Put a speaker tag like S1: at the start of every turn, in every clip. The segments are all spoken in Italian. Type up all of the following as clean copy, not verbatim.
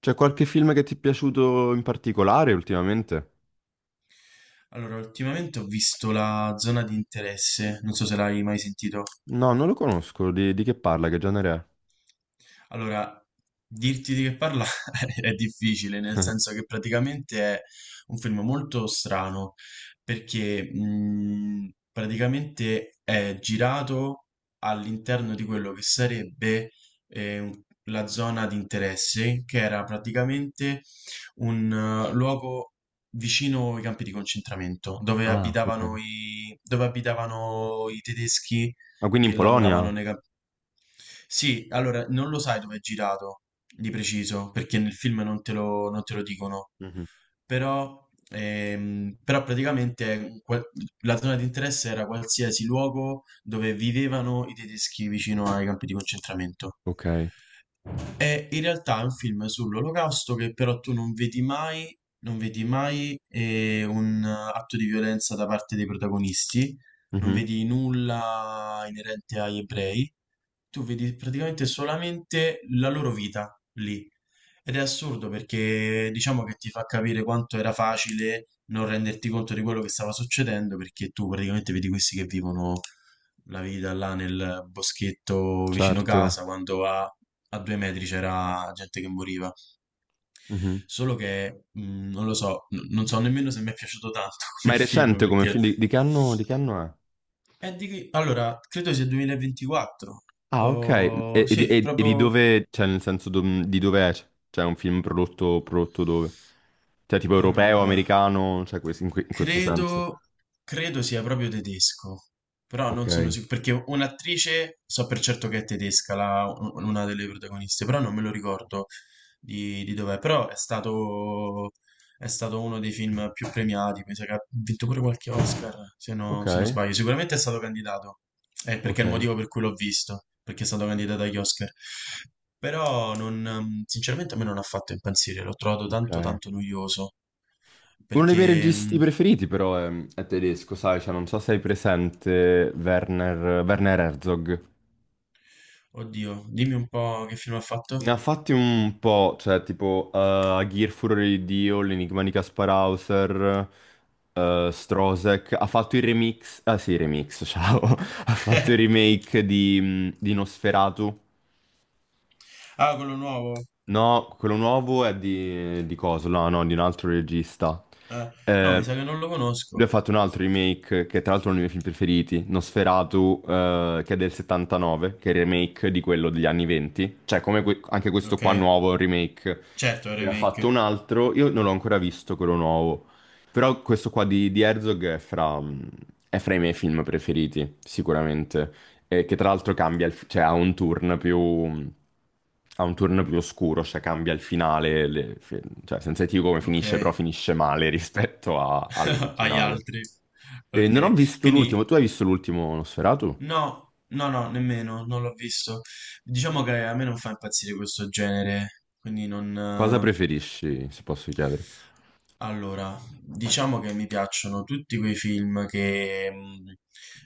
S1: C'è qualche film che ti è piaciuto in particolare ultimamente?
S2: Allora, ultimamente ho visto La zona di interesse, non so se l'hai mai sentito.
S1: No, non lo conosco. Di che parla? Che genere
S2: Allora, dirti di che parla è difficile, nel
S1: è?
S2: senso che praticamente è un film molto strano, perché praticamente è girato all'interno di quello che sarebbe eh, un- la zona di interesse, che era praticamente un luogo vicino ai campi di concentramento, dove
S1: Ah, ok.
S2: abitavano i tedeschi
S1: Ma quindi in
S2: che lavoravano
S1: Polonia?
S2: nei campi. Sì, allora non lo sai dove è girato di preciso, perché nel film non te lo dicono,
S1: Mhm.
S2: però, però praticamente la zona di interesse era qualsiasi luogo dove vivevano i tedeschi vicino ai campi di concentramento.
S1: Ok.
S2: È In realtà è un film sull'Olocausto che però tu non vedi mai un atto di violenza da parte dei protagonisti, non
S1: Mhm.
S2: vedi nulla inerente agli ebrei, tu vedi praticamente solamente la loro vita lì. Ed è assurdo perché diciamo che ti fa capire quanto era facile non renderti conto di quello che stava succedendo, perché tu praticamente vedi questi che vivono la vita là nel boschetto vicino casa,
S1: Certo.
S2: quando a due metri c'era gente che moriva.
S1: Mhm.
S2: Solo che non lo so, non so nemmeno se mi è piaciuto tanto
S1: Ma
S2: come
S1: è
S2: film,
S1: recente come film? Di che anno, di che anno è?
S2: Allora, credo sia 2024.
S1: Ah, ok.
S2: Oh,
S1: E, e di
S2: sì,
S1: e- e di
S2: proprio.
S1: dove, cioè nel senso di dove è? Cioè è un film prodotto dove? Cioè tipo europeo,
S2: Allora,
S1: americano, cioè in questo senso.
S2: credo, credo sia proprio tedesco, però non sono
S1: Ok.
S2: sicuro, perché un'attrice so per certo che è tedesca, una delle protagoniste, però non me lo ricordo di dov'è, è stato uno dei film più premiati, mi sa che ha vinto pure qualche Oscar,
S1: Ok,
S2: se non sbaglio, sicuramente è stato candidato, perché è il
S1: ok,
S2: motivo per cui l'ho visto, perché è stato candidato agli Oscar. Però non, sinceramente a me non ha fatto impazzire, l'ho trovato tanto
S1: ok.
S2: tanto noioso.
S1: Uno dei miei
S2: Perché,
S1: registi
S2: mh,
S1: preferiti però è tedesco, sai, cioè, non so se hai presente Werner Herzog.
S2: oddio, dimmi un po' che film ha fatto.
S1: Ne ha fatti un po', cioè tipo Aghir, Furore di Dio, L'Enigma di Kaspar Hauser, Strozek, ha fatto il remix, ah sì, remix, ciao, ha fatto il remake di Nosferatu.
S2: Ah, quello nuovo.
S1: No, quello nuovo è di coso, no, no, di un altro regista.
S2: Eh, no, mi
S1: Eh,
S2: sa che non lo
S1: Lui
S2: conosco.
S1: ha fatto un altro remake, che tra l'altro è uno dei miei film preferiti, Nosferatu, che è del 79, che è il remake di quello degli anni 20. Cioè, come anche questo
S2: Ok,
S1: qua nuovo è un remake.
S2: certo, è un
S1: Ne ha fatto un
S2: remake.
S1: altro, io non l'ho ancora visto quello nuovo, però questo qua di Herzog è fra i miei film preferiti, sicuramente. Che tra l'altro cambia, il, cioè ha un ha un turn più oscuro, cioè cambia il finale, cioè senza dirti come
S2: Ok,
S1: finisce, però finisce male rispetto
S2: agli
S1: all'originale.
S2: altri.
S1: E non ho
S2: Ok,
S1: visto l'ultimo,
S2: quindi
S1: tu hai visto l'ultimo Nosferatu?
S2: no, no, no, nemmeno, non l'ho visto. Diciamo che a me non fa impazzire questo genere, quindi non...
S1: Cosa
S2: eh,
S1: preferisci, se posso chiedere?
S2: Allora, diciamo che mi piacciono tutti quei film che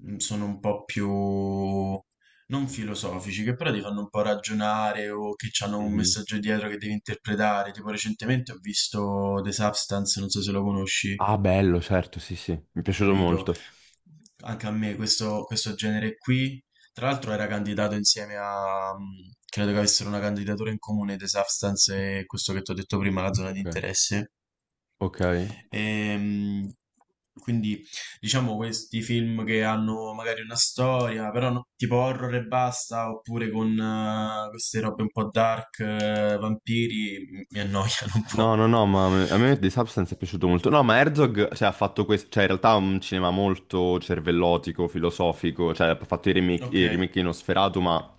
S2: sono un po' più non filosofici, che però ti fanno un po' ragionare o che hanno un
S1: Mhm.
S2: messaggio dietro che devi interpretare. Tipo recentemente ho visto The Substance, non so se lo conosci,
S1: Ah, bello, certo, sì, sì, mi è piaciuto
S2: capito?
S1: molto.
S2: Anche a me questo genere qui, tra l'altro era candidato insieme a, credo che avessero una candidatura in comune The Substance e questo che ti ho detto prima, la zona di
S1: Ok.
S2: interesse.
S1: Ok.
S2: Ehm, quindi diciamo questi film che hanno magari una storia, però tipo horror e basta, oppure con queste robe un po' dark, vampiri, mi annoiano un
S1: No,
S2: po'.
S1: no, no, ma a me The Substance è piaciuto molto. No, ma Herzog, cioè, ha fatto questo, cioè, in realtà ha un cinema molto cervellotico, filosofico, cioè, ha fatto
S2: Ok,
S1: i remake di Nosferatu, ma,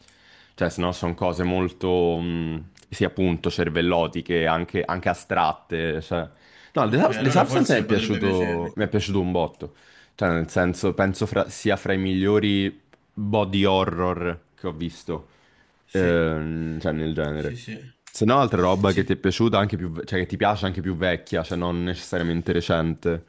S1: cioè, se no sono cose molto, sì, appunto, cervellotiche, anche astratte, cioè. No, The,
S2: ok,
S1: Subs- The
S2: allora
S1: Substance mi è
S2: forse potrebbe piacermi.
S1: mi è piaciuto un botto, cioè, nel senso, penso sia fra i migliori body horror che ho visto.
S2: Sì,
S1: Cioè nel
S2: sì,
S1: genere.
S2: sì.
S1: Se no, altra roba che ti è
S2: Sì.
S1: piaciuta anche cioè che ti piace anche più vecchia, cioè non necessariamente recente.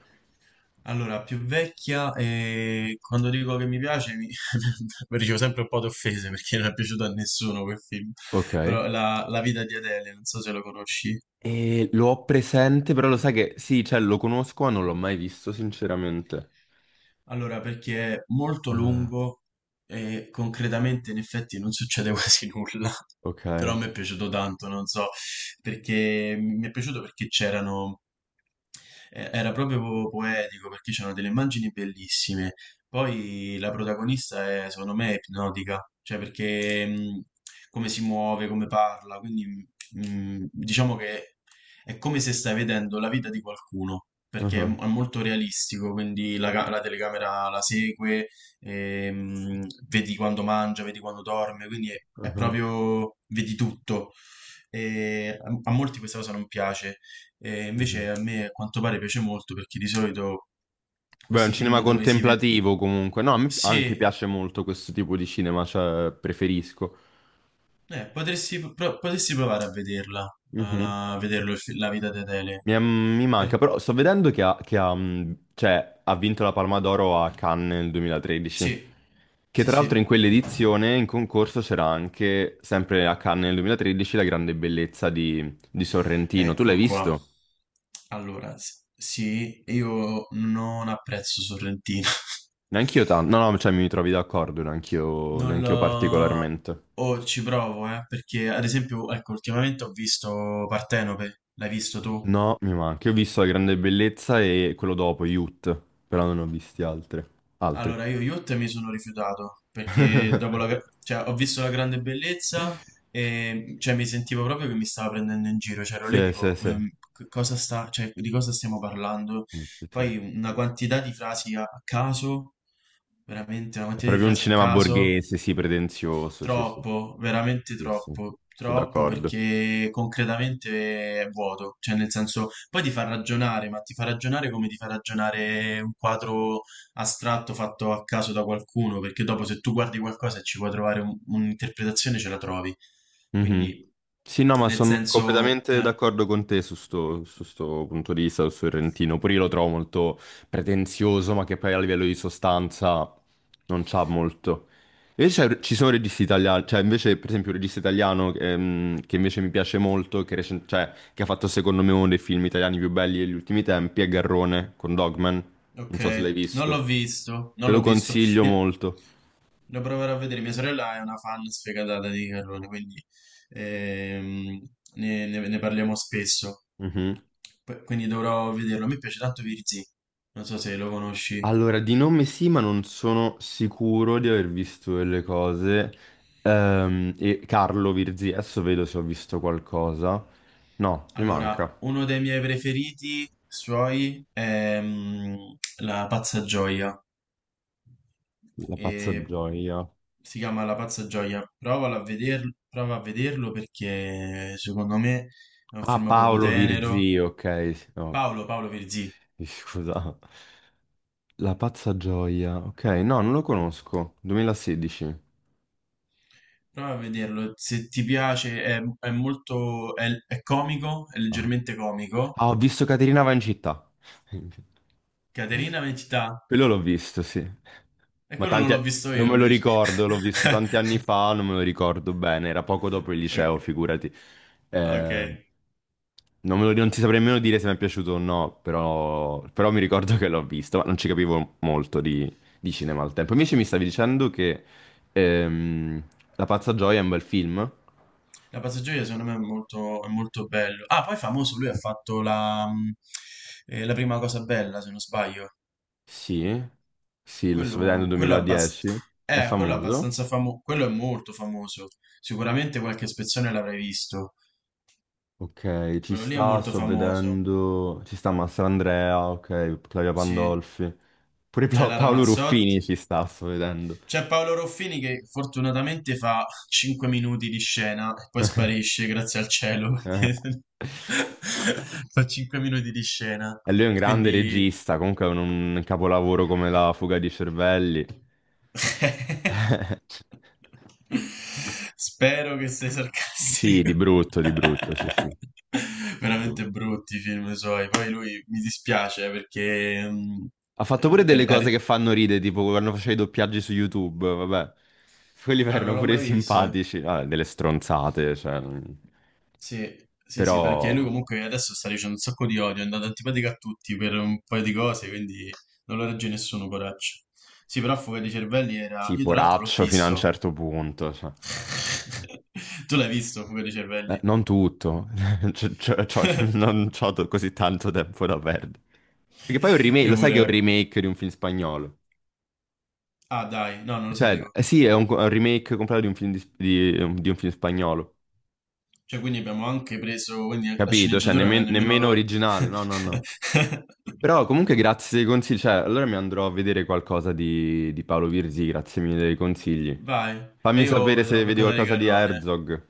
S2: Allora, più vecchia, e quando dico che mi piace, ricevo sempre un po' di offese perché non è piaciuto a nessuno quel film.
S1: Ok.
S2: Però la vita di Adele, non so se lo conosci.
S1: E lo ho presente, però lo sai che sì, cioè lo conosco, ma non l'ho mai visto, sinceramente.
S2: Allora, perché è molto
S1: Ah,
S2: lungo e concretamente in effetti non succede quasi nulla,
S1: ok.
S2: però mi è piaciuto tanto, non so, perché mi è piaciuto perché c'erano era proprio poetico perché c'erano delle immagini bellissime. Poi la protagonista è, secondo me, ipnotica, cioè perché come si muove, come parla, quindi diciamo che è come se stai vedendo la vita di qualcuno, perché
S1: Ah,
S2: è molto realistico, quindi la telecamera la segue, vedi quando mangia, vedi quando dorme, quindi è
S1: ah,
S2: proprio, vedi tutto. E a molti questa cosa non piace, e
S1: mhm.
S2: invece a me a quanto pare piace molto perché di solito
S1: Beh, è un
S2: questi
S1: cinema
S2: film dove si vede.
S1: contemplativo comunque. No, a me anche
S2: Sì,
S1: piace molto questo tipo di cinema, cioè preferisco.
S2: potresti provare a vederla, a
S1: Uh-huh.
S2: la- a vederlo, La vita di Adele.
S1: Mi manca,
S2: Per-
S1: però sto vedendo che ha, cioè, ha vinto la Palma d'Oro a Cannes nel 2013,
S2: Sì,
S1: che
S2: sì,
S1: tra l'altro
S2: sì.
S1: in quell'edizione in concorso c'era anche, sempre a Cannes nel 2013, La grande bellezza di Sorrentino. Tu l'hai
S2: Ecco qua.
S1: visto?
S2: Allora, sì, io non apprezzo Sorrentino.
S1: Neanch'io tanto, no, no, cioè mi trovi d'accordo,
S2: Non
S1: neanch'io
S2: lo...
S1: particolarmente.
S2: O ci provo, perché ad esempio, ecco, ultimamente ho visto Partenope, l'hai visto tu?
S1: No, mi manca. Io ho visto La grande bellezza e quello dopo, Youth, però non ho visti altri. Altri.
S2: Allora, io Youth mi sono rifiutato perché dopo cioè, ho visto La grande bellezza, e cioè, mi sentivo proprio che mi stava prendendo in giro. C'ero lì
S1: Sì, sì,
S2: tipo,
S1: sì.
S2: Cosa sta, cioè, di cosa stiamo parlando?"
S1: Sì, sì, sì.
S2: Poi una quantità di frasi a caso, veramente una
S1: È
S2: quantità di
S1: proprio un
S2: frasi a
S1: cinema
S2: caso.
S1: borghese, sì, pretenzioso, sì, sì,
S2: Troppo, veramente
S1: sì, sì.
S2: troppo,
S1: Sono
S2: troppo,
S1: d'accordo.
S2: perché concretamente è vuoto, cioè nel senso poi ti fa ragionare, ma ti fa ragionare come ti fa ragionare un quadro astratto fatto a caso da qualcuno, perché dopo, se tu guardi qualcosa e ci puoi trovare un'interpretazione, ce la trovi.
S1: Mhm.
S2: Quindi,
S1: Sì, no, ma
S2: nel
S1: sono
S2: senso
S1: completamente d'accordo con te su sto punto di vista, su Sorrentino. Pure io lo trovo molto pretenzioso, ma che poi a livello di sostanza non c'ha molto. Invece ci sono registi italiani, cioè invece per esempio un regista italiano che invece mi piace molto, cioè, che ha fatto secondo me uno dei film italiani più belli degli ultimi tempi, è Garrone con Dogman. Non so se l'hai
S2: ok, non l'ho
S1: visto.
S2: visto, non
S1: Te
S2: l'ho
S1: lo
S2: visto.
S1: consiglio molto.
S2: Lo proverò a vedere. Mia sorella è una fan sfegatata di Carlone, quindi ehm, ne parliamo spesso.
S1: Mhm.
S2: Quindi dovrò vederlo. A me piace tanto Virzì, non so se lo conosci.
S1: Allora, di nome sì, ma non sono sicuro di aver visto delle cose. E Carlo Virzi, adesso vedo se ho visto qualcosa. No, mi manca.
S2: Allora, uno dei miei preferiti suoi è La Pazza Gioia.
S1: La pazza
S2: E
S1: gioia.
S2: si chiama La Pazza Gioia. Prova a vederlo, perché secondo me è un
S1: Ah,
S2: film proprio
S1: Paolo
S2: tenero.
S1: Virzi, ok, sì, no,
S2: Paolo Virzì.
S1: scusa. La pazza gioia. Ok, no, non lo conosco. 2016.
S2: Prova a vederlo, se ti piace è molto, è comico, è
S1: Ah,
S2: leggermente comico.
S1: Ah, ho visto Caterina va in città.
S2: Caterina Mentità,
S1: Quello l'ho visto, sì.
S2: e
S1: Ma
S2: quello non
S1: tanti...
S2: l'ho visto
S1: Non
S2: io
S1: me lo
S2: invece.
S1: ricordo, l'ho visto tanti anni fa, non me lo ricordo bene, era poco dopo il liceo,
S2: Ok,
S1: figurati.
S2: ok.
S1: Eh, Non non ti saprei nemmeno dire se mi è piaciuto o no, però, però mi ricordo che l'ho visto, ma non ci capivo molto di cinema al tempo. Invece mi stavi dicendo che ehm, La pazza gioia è un bel film?
S2: La Passeggiaia secondo me è molto bello. Ah, poi famoso, lui ha fatto la prima cosa bella, se non sbaglio.
S1: Sì, sì, lo sto vedendo
S2: Quello, quello, abbast-
S1: 2010, è
S2: quello è
S1: famoso.
S2: abbastanza famoso, quello è molto famoso. Sicuramente qualche spezzone l'avrai visto.
S1: Ok, ci
S2: Quello lì è
S1: sta,
S2: molto
S1: sto
S2: famoso,
S1: vedendo, ci sta Mastrandrea, ok, Claudia
S2: sì.
S1: Pandolfi, pure
S2: C'è la
S1: Paolo
S2: Ramazzotti,
S1: Ruffini ci sta, sto vedendo.
S2: c'è Paolo Roffini che fortunatamente fa 5 minuti di scena e poi sparisce, grazie al cielo,
S1: Eh,
S2: perché fa 5 minuti di scena.
S1: E lui è un grande
S2: Quindi
S1: regista, comunque un capolavoro come La fuga di cervelli.
S2: spero che sei
S1: Sì,
S2: sarcastico.
S1: di brutto, sì, sì, di
S2: Veramente
S1: brutto.
S2: brutti i film suoi. Poi lui mi dispiace
S1: Ha fatto pure delle
S2: eh,
S1: cose che fanno ridere, tipo quando faceva i doppiaggi su YouTube, vabbè. Quelli
S2: Ah, non
S1: erano
S2: l'ho
S1: pure
S2: mai vista.
S1: simpatici, vabbè, delle stronzate, cioè... non-
S2: Sì, sì, sì, perché lui
S1: Però...
S2: comunque adesso sta dicendo un sacco di odio, è andato antipatico a tutti per un paio di cose, quindi non lo regge nessuno, coraggio. Sì, però Fuga dei Cervelli era.
S1: Sì,
S2: Io tra l'altro l'ho
S1: poraccio fino a un
S2: visto.
S1: certo punto, cioè.
S2: Tu l'hai visto, Fuga dei Cervelli?
S1: Non tutto, C'ho- c'ho- c'ho- non c'ho to- così tanto tempo da perdere. Perché poi è un remake,
S2: E
S1: lo sai che è
S2: pure...
S1: un remake di un film spagnolo?
S2: Ah, dai, no, non lo
S1: Cioè,
S2: sapevo.
S1: eh sì, è un, è un remake completo di un film, di un film spagnolo,
S2: Cioè, quindi abbiamo anche Quindi la
S1: capito? Cioè,
S2: sceneggiatura non è nemmeno
S1: nemmeno
S2: loro.
S1: originale, no, no, no. Però comunque grazie dei consigli, cioè, allora mi andrò a vedere qualcosa di Paolo Virzi, grazie mille dei consigli.
S2: Vai, e
S1: Fammi
S2: io
S1: sapere
S2: vedrò
S1: se vedi
S2: qualcosa di
S1: qualcosa di
S2: Carrone.
S1: Herzog,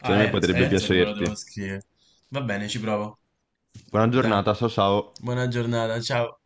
S1: secondo
S2: Ah,
S1: me potrebbe
S2: Erz come lo devo
S1: piacerti.
S2: scrivere? Va bene, ci provo.
S1: Buona
S2: Dai,
S1: giornata, ciao ciao.
S2: buona giornata, ciao.